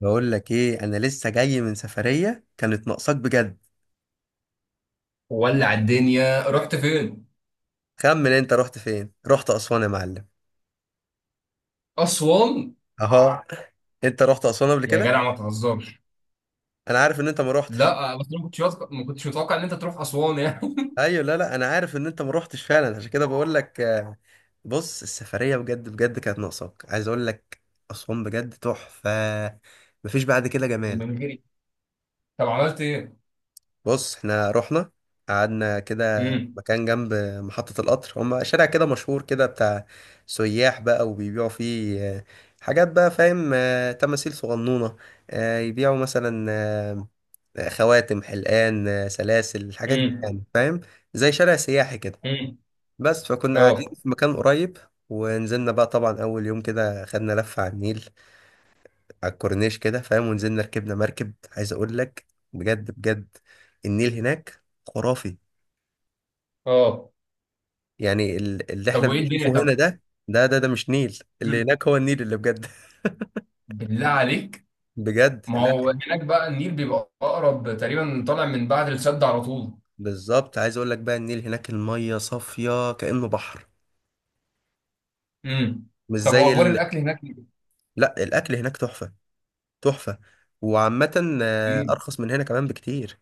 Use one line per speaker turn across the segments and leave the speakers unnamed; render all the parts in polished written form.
بقول لك ايه، انا لسه جاي من سفرية كانت ناقصاك بجد.
ولع الدنيا، رحت فين؟
خمن انت رحت فين. رحت اسوان يا معلم.
أسوان.
اهو. انت رحت اسوان قبل
يا
كده.
جدع، ما تهزرش.
انا عارف ان انت ما رحتش.
لا، بس أنا ما كنتش متوقع إن أنت تروح أسوان يعني.
ايوه، لا لا، انا عارف ان انت ما رحتش فعلا، عشان كده بقول لك بص. السفرية بجد بجد كانت ناقصاك، عايز اقول لك. اسوان بجد تحفة. مفيش بعد كده جمال.
ومن غيري؟ طب عملت إيه؟
بص احنا رحنا، قعدنا كده
امم.
مكان جنب محطة القطر. هما شارع كده مشهور كده بتاع سياح بقى، وبيبيعوا فيه حاجات بقى، فاهم؟ تماثيل صغنونة، يبيعوا مثلا خواتم، حلقان، سلاسل، الحاجات دي
امم.
يعني، فاهم؟ زي شارع سياحي كده.
امم.
بس فكنا قاعدين
أه.
في مكان قريب. ونزلنا بقى، طبعا أول يوم كده خدنا لفة على النيل، على الكورنيش كده فاهم. ونزلنا ركبنا مركب، عايز أقول لك، بجد بجد النيل هناك خرافي.
أه.
يعني اللي احنا
طب وإيه الدنيا
بنشوفه هنا
طب؟
ده، ده مش نيل. اللي
مم.
هناك هو النيل اللي بجد.
بالله عليك.
بجد
ما
لا.
هو هناك بقى النيل بيبقى أقرب تقريبا، طالع من بعد السد على طول.
بالظبط، عايز اقول لك بقى، النيل هناك المية صافية كأنه بحر.
امم.
مش
طب
زي
وأخبار
ال...
الأكل هناك؟
لا، الأكل هناك تحفة، تحفة. وعامة
فين؟
أرخص من هنا كمان بكتير.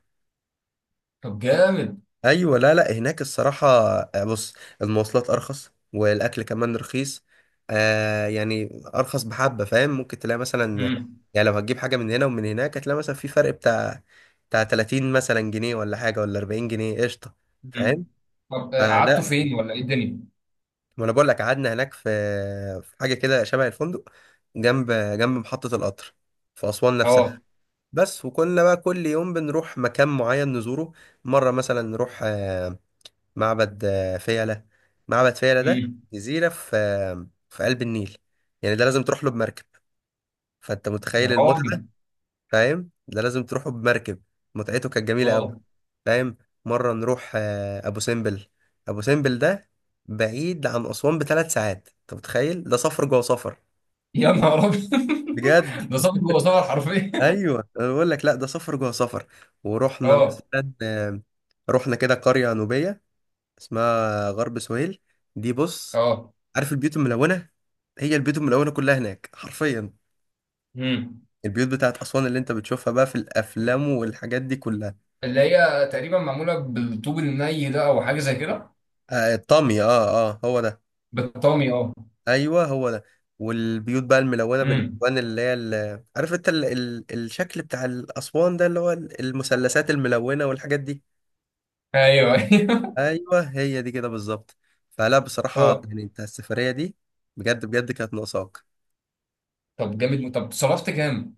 طب جامد.
ايوه، لا لا، هناك الصراحه بص، المواصلات ارخص، والاكل كمان رخيص. آه يعني ارخص بحبه، فاهم؟ ممكن تلاقي مثلا،
امم.
يعني لو هتجيب حاجه من هنا ومن هناك، هتلاقي مثلا في فرق بتاع بتاع 30 مثلا جنيه ولا حاجه، ولا 40 جنيه، قشطه،
امم.
فاهم؟
طب
آه
قعدتوا
لا،
فين ولا إيه الدنيا؟
ما انا بقول لك، قعدنا هناك في في حاجه كده شبه الفندق، جنب جنب محطه القطر، في اسوان نفسها
أه.
بس. وكنا بقى كل يوم بنروح مكان معين نزوره. مره مثلا نروح آه معبد فيلة. معبد فيلة ده
امم.
جزيرة في في قلب النيل. يعني ده لازم تروح له بمركب، فأنت
يا
متخيل
راجل.
المتعة. فاهم؟ ده لازم تروحه بمركب. متعته كانت جميلة أوي،
اه.
فاهم؟ مرة نروح أبو سمبل. أبو سمبل ده بعيد عن أسوان بـ 3 ساعات، أنت متخيل؟ ده سفر جوه سفر.
يا نهار ابيض.
بجد.
ده صبغ جوه صبغ حرفيا.
أيوه، أنا بقول لك، لا ده سفر جوه سفر. ورحنا
اه.
مثلا رحنا كده قرية نوبية اسمها غرب سهيل. دي بص،
اه.
عارف البيوت الملونه؟ هي البيوت الملونه كلها هناك حرفيا،
امم.
البيوت بتاعت اسوان اللي انت بتشوفها بقى في الافلام والحاجات دي كلها.
اللي هي تقريبا معموله بالطوب الني ده، او حاجه زي كده.
آه الطامي، اه اه هو ده.
بالطامي، اه.
ايوه هو ده. والبيوت بقى الملونه
امم.
بالالوان، اللي هي عارف انت الشكل بتاع الاسوان ده، اللي هو المثلثات الملونه والحاجات دي.
ايوه، ايوه.
ايوه هي دي كده بالظبط. فلا، بصراحه
اه.
يعني انت، السفريه دي بجد بجد كانت ناقصاك.
طب جامد، طب صرفت كام؟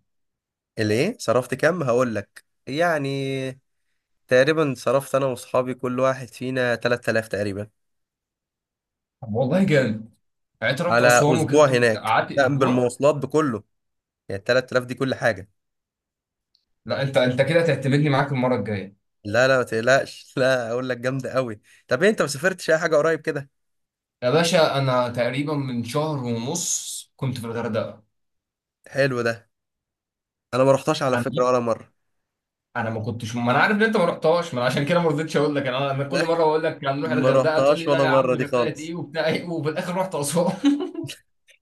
اللي ايه، صرفت كام؟ هقول لك يعني، تقريبا صرفت انا واصحابي كل واحد فينا 3000 تقريبا.
طب والله جامد. يعني انت رحت
على
اسوان
اسبوع
وكنت
هناك،
قعدت
كان
اسبوع.
بالمواصلات بكله، يعني 3000 دي كل حاجه.
لا، انت كده تعتمدني معاك المره الجايه.
لا لا، ما تقلقش. لا اقول لك جامده قوي. طب إيه، انت ما سافرتش اي حاجه قريب كده؟
يا باشا، انا تقريبا من شهر ونص كنت في الغردقه.
حلو ده. انا ما رحتش على
انا
فكره ولا مره.
انا ما كنتش، ما انا عارف ان انت ما رحتهاش، ما انا عشان كده ما رضيتش اقول لك. انا انا كل
لا،
مره اقول لك هنروح
ما
الغردقه، تقول
رحتهاش
لي لا
ولا
يا
مره
عم،
دي
غردقه
خالص.
ايه وبتاع ايه، وفي الاخر رحت اسوان.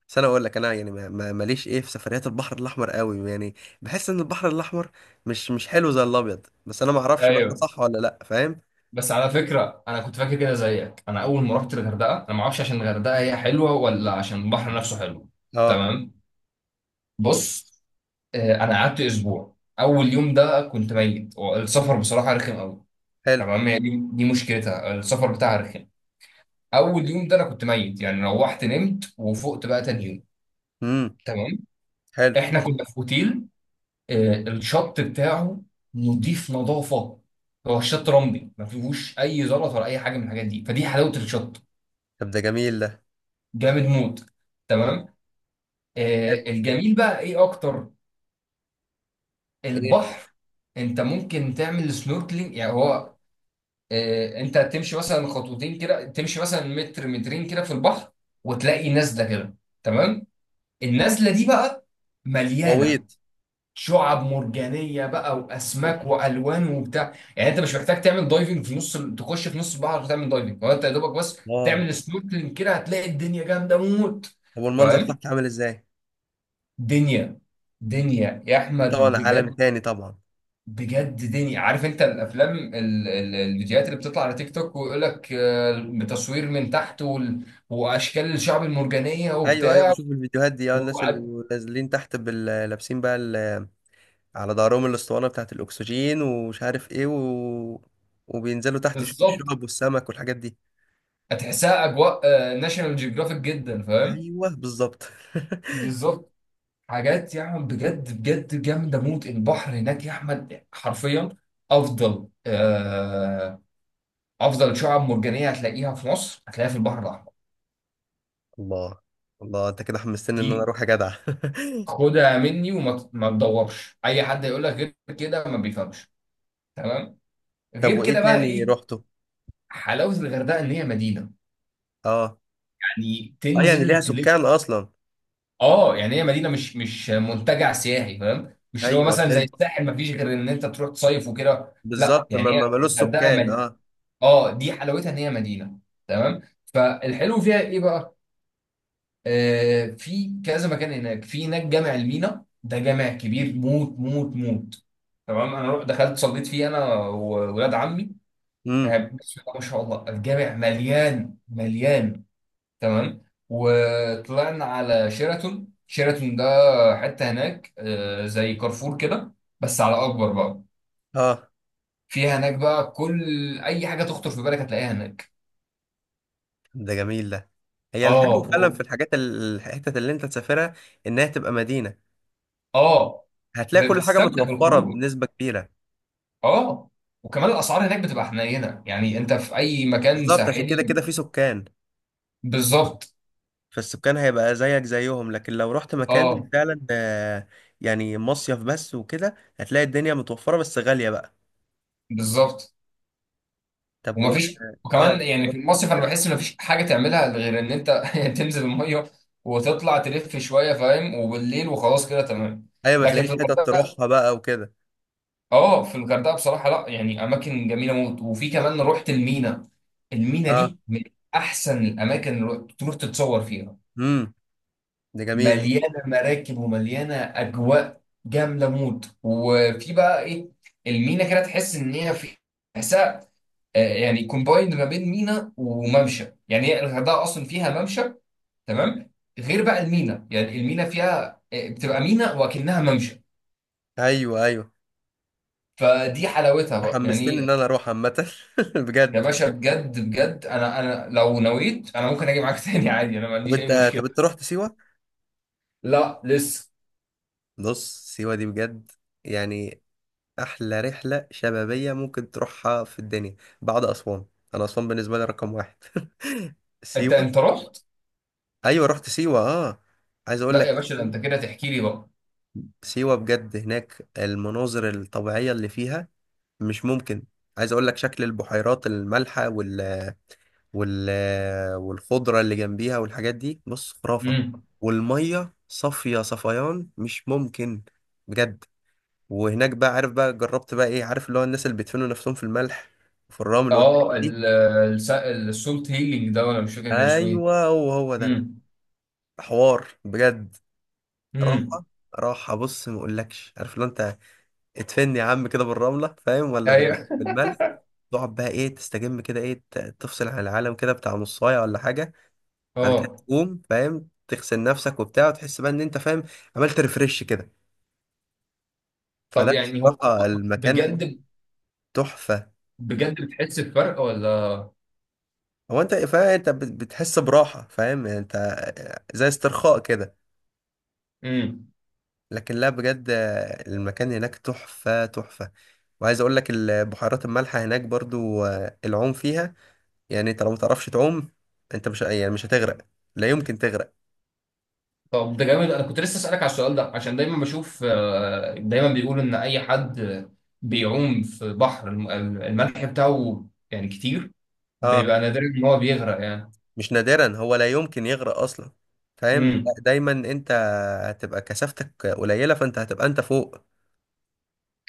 بس انا اقول لك، انا يعني ماليش ايه في سفريات البحر الاحمر قوي يعني. بحس ان البحر الاحمر مش مش حلو زي الابيض، بس انا ما اعرفش بقى ده
ايوه.
صح ولا لا، فاهم؟
بس على فكره، انا كنت فاكر كده زيك. انا اول ما رحت الغردقه انا ما اعرفش عشان الغردقه هي حلوه، ولا عشان البحر نفسه حلو.
اه.
تمام. بص. انا قعدت اسبوع. اول يوم ده كنت ميت، السفر بصراحه رخم قوي.
حلو.
تمام، هي دي مشكلتها، السفر بتاعها رخم. اول يوم ده انا كنت ميت، يعني روحت نمت وفقت بقى تاني يوم.
امم.
تمام.
حلو.
احنا كنا في اوتيل. الشط بتاعه نضيف، نظافه. هو الشط رملي، ما فيهوش اي زلط ولا اي حاجه من الحاجات دي، فدي حلاوه الشط.
طب ده جميل.
جامد موت. تمام.
حلو.
الجميل بقى ايه اكتر؟
ايه؟
البحر. انت ممكن تعمل سنوركلينج، يعني هو انت تمشي مثلا خطوتين كده، تمشي مثلا متر مترين كده في البحر، وتلاقي نزله كده. تمام. النزله دي بقى مليانه
غويط.
شعاب مرجانيه بقى،
أوه.
واسماك والوان وبتاع. يعني انت مش محتاج تعمل دايفنج في نص تخش في نص البحر وتعمل دايفنج. هو انت يا دوبك بس
اه.
تعمل سنوركلينج كده، هتلاقي الدنيا جامده موت.
طب والمنظر
فاهم؟
تحت عامل ازاي؟
دنيا. دنيا يا
في
احمد،
طبعا عالم
بجد
تاني طبعا.
بجد دنيا. عارف انت الافلام الفيديوهات اللي بتطلع على تيك توك، ويقول لك بتصوير من تحت، واشكال الشعب المرجانيه
ايوه ايوه،
وبتاع.
بشوف الفيديوهات دي اه، الناس اللي
وع-
بيبقوا نازلين تحت لابسين بقى على ظهرهم الاسطوانه بتاعه الاكسجين ومش عارف ايه و... وبينزلوا تحت يشوفوا
بالظبط،
الشعب والسمك والحاجات دي.
هتحسها اجواء ناشونال جيوغرافيك جدا، فاهم.
ايوه بالظبط.
بالظبط. حاجات يا احمد، بجد بجد جامده موت. البحر هناك يا احمد حرفيا افضل، افضل شعاب مرجانيه هتلاقيها في مصر، هتلاقيها في البحر الاحمر.
الله، الله، انت كده حمستني
دي،
ان انا اروح يا جدع.
خدها مني. ما تدورش اي حد يقول لك غير كده، ما بيفهمش. تمام.
طب
غير
وايه
كده بقى
تاني
ايه؟
رحته؟
حلاوه الغردقه ان هي مدينه،
اه.
يعني
اه يعني ليها
تنزل تلف.
سكان اصلا.
اه، يعني هي مدينه، مش منتجع سياحي، فاهم؟ مش اللي هو
ايوه
مثلا زي
فهمت.
الساحل، ما فيش غير ان انت تروح تصيف وكده. لا،
بالظبط، ما
يعني هي
ملوش سكان
الغردقه.
اه.
اه، دي حلاوتها ان هي مدينه. تمام. فالحلو فيها ايه بقى؟ في كذا مكان هناك. في هناك جامع المينا، ده جامع كبير موت موت موت. تمام، انا رحت دخلت صليت فيه انا وولاد عمي.
امم.
بسم الله ما شاء الله، الجامع مليان مليان. تمام. وطلعنا على شيراتون. شيراتون ده حته هناك زي كارفور كده، بس على اكبر بقى.
اه.
فيها هناك بقى كل اي حاجه تخطر في بالك، هتلاقيها هناك.
ده جميل ده. هي الحلو فعلا في
اه.
الحاجات الحتت اللي انت تسافرها انها تبقى مدينة.
اه.
هتلاقي كل حاجة
بتستمتع
متوفرة
بالخروج.
بنسبة كبيرة.
اه. وكمان الاسعار هناك بتبقى حنينه، يعني انت في اي مكان
بالظبط، عشان كده
ساحلي.
كده في سكان.
بالظبط.
فالسكان هيبقى زيك زيهم. لكن لو رحت مكان
اه.
فعلا يعني مصيف بس وكده، هتلاقي الدنيا متوفرة بس غالية بقى.
بالظبط.
طب و...
ومفيش.
اه.
وكمان يعني في المصيف انا بحس ان مفيش حاجه تعملها غير ان انت تنزل الميه وتطلع تلف شويه، فاهم، وبالليل وخلاص كده تمام.
ايوه، ما
لكن
تلاقيش
في
حتت تروحها
الغردقه،
بقى وكده.
اه، في الغردقه بصراحه لا، يعني اماكن جميله موت. وفي كمان رحت المينا. المينا
اه.
دي من احسن الاماكن اللي تروح تتصور فيها.
امم. ده جميل.
مليانه مراكب ومليانه اجواء جامده موت. وفي بقى ايه، المينا كده تحس ان هي في، تحسها يعني كومبايند ما بين مينا وممشى. يعني هي الغردقه اصلا فيها ممشى. تمام، غير بقى المينا. يعني المينا فيها بتبقى مينا وكأنها ممشى،
ايوه ايوه.
فدي حلاوتها بقى
حمستني
يعني.
ان انا اروح عامة.
يا
بجد.
باشا بجد بجد، انا انا لو نويت انا ممكن اجي معاك تاني عادي، انا ما
طب
عنديش اي
انت،
مشكله.
طب انت رحت سيوة؟
لا لسه.
بص، سيوة دي بجد يعني أحلى رحلة شبابية ممكن تروحها في الدنيا، بعد أسوان. أنا أسوان بالنسبة لي رقم واحد.
انت
سيوة.
انت رحت.
أيوة رحت سيوة أه. عايز أقول
لا
لك،
يا باشا، ده انت كده تحكي لي بقى.
سيوة بجد، هناك المناظر الطبيعية اللي فيها مش ممكن. عايز أقول لك، شكل البحيرات المالحة وال... وال... والخضرة اللي جنبيها والحاجات دي، بص خرافة.
مم.
والمية صافية صفيان، مش ممكن. بجد. وهناك بقى، عارف بقى جربت بقى ايه؟ عارف اللي هو الناس اللي بيدفنوا نفسهم في الملح وفي الرمل
اه
والحاجات دي.
السولت هيلينج ده، ولا مش فاكر كان اسمه ايه.
ايوه هو هو ده.
امم.
حوار بجد.
امم.
راحه. راحه، بص ما اقولكش. عارف لو انت اتفن يا عم كده بالرمله، فاهم؟ ولا
ايوه.
بالملح. تقعد بقى ايه، تستجم كده، ايه تفصل عن العالم كده، بتاع نصايه ولا حاجه. بعد كده
اه.
تقوم فاهم، تغسل نفسك وبتاع، وتحس بقى ان انت فاهم عملت ريفرش كده.
طب
فلا
يعني هو
الصراحه، المكان هناك
بجد،
تحفه.
بجد بتحس بفرق ولا؟
هو انت فاهم، انت بتحس براحة، فاهم يعني انت؟ زي استرخاء كده.
امم.
لكن لا، بجد المكان هناك تحفة تحفة. وعايز اقول لك، البحيرات المالحة هناك برضو العوم فيها، يعني انت لو متعرفش تعوم، انت مش يعني، مش هتغرق. لا يمكن تغرق.
طب ده جامد. انا كنت لسه اسالك على السؤال ده، عشان دايما بشوف دايما بيقولوا ان اي حد بيعوم في بحر الملح بتاعه يعني كتير،
اه.
بيبقى نادر ان هو بيغرق يعني.
مش نادرا، هو لا يمكن يغرق اصلا، فاهم؟ لا،
امم.
دايما انت هتبقى كثافتك قليلة، فانت هتبقى انت فوق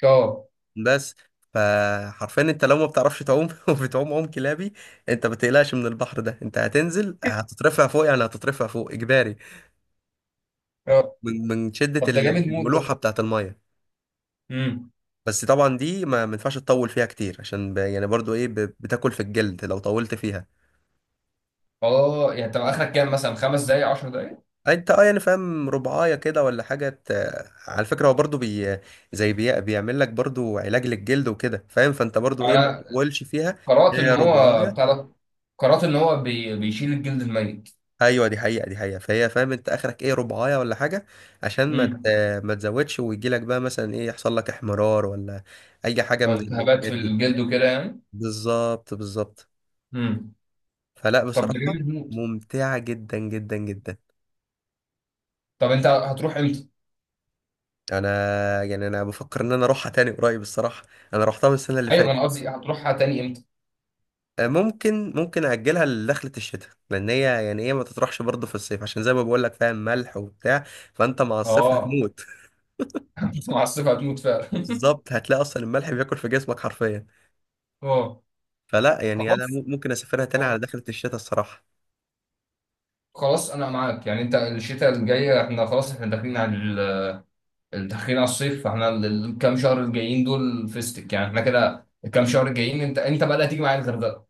اه.
بس. فحرفيا انت لو ما بتعرفش تعوم وبتعوم عوم كلابي، انت ما تقلقش من البحر ده. انت هتنزل هتترفع فوق، يعني هتترفع فوق اجباري
اه.
من من شدة
طب ده جامد موت ده.
الملوحة بتاعت المية.
امم.
بس طبعا دي ما ينفعش تطول فيها كتير، عشان ب... يعني برضو ايه، ب... بتاكل في الجلد لو طولت فيها.
اه يعني طب اخرك كام؟ مثلا خمس دقايق، 10
انت اه يعني فاهم، ربعايه كده ولا حاجه، ت... على فكره هو برضو بي... زي بي... بيعمل لك برضو علاج للجلد وكده، فاهم؟ فانت برضو ايه، ما
دقايق.
تطولش فيها.
قرأت
هي
إن هو بتاع
رباعية.
ده، قرأت إن هو بيشيل الجلد الميت.
ايوه، دي حقيقه دي حقيقه. فهي فاهم، انت اخرك ايه، ربعايه ولا حاجه، عشان ما ت-
امم.
آه، ما تزودش ويجي لك بقى مثلا ايه، يحصل لك احمرار ولا اي حاجه
أو
من
الالتهابات
الحاجات
في
دي.
الجلد وكده يعني.
بالظبط بالظبط.
امم.
فلا
طب ده
بصراحه،
جامد موت.
ممتعه جدا جدا جدا.
طب أنت هتروح إمتى؟
انا يعني، انا بفكر ان انا اروحها تاني قريب الصراحه. انا روحتها من السنه اللي
أيوه، ما أنا
فاتت.
قصدي هتروحها تاني إمتى؟
ممكن، ممكن اجلها لدخله الشتاء، لان هي يعني ايه، ما تطرحش برضه في الصيف، عشان زي ما بقول لك فاهم، ملح وبتاع، فانت مع الصيف
اه.
هتموت.
أنت مع الصيف هتموت فعلا.
بالظبط، هتلاقي اصلا الملح بياكل في جسمك حرفيا.
اه.
فلا يعني انا
خلاص.
ممكن اسافرها تاني على
خلاص.
دخلة الشتاء الصراحة.
خلاص أنا معاك. يعني أنت الشتاء الجاية إحنا خلاص، إحنا داخلين على داخلين على الصيف، فإحنا الكام شهر الجايين دول فيستك. يعني إحنا كده، الكام شهر الجايين أنت بقى اللي هتيجي معايا الغردقة.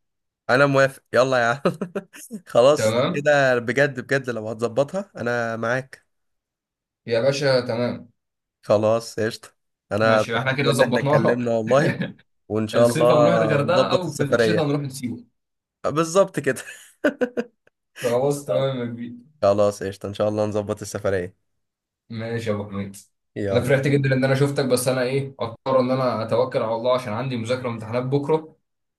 انا موافق، يلا يا عم. خلاص
تمام.
كده بجد بجد، لو هتظبطها انا معاك.
يا باشا تمام.
خلاص قشطة. انا
ماشي، احنا
اتبسطت
كده
ان احنا اتكلمنا
ظبطناها.
والله. وان شاء الله
الصيف هنروح الغردقه،
نظبط
او في الشتاء
السفرية.
هنروح سيوه.
بالظبط كده.
خلاص
خلاص.
تمام يا كبير.
خلاص قشطة، ان شاء الله نظبط السفرية.
ماشي يا ابو حميد. انا
يلا.
فرحت جدا ان انا شفتك، بس انا ايه اضطر ان انا اتوكل على الله عشان عندي مذاكره وامتحانات بكره.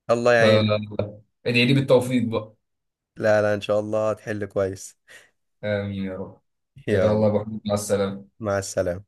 الله يعينك.
فادعي لي بالتوفيق بقى.
لا لا، ان شاء الله هتحل كويس.
امين يا رب. يلا
يلا،
يا ابو حميد، مع السلامه.
مع السلامة.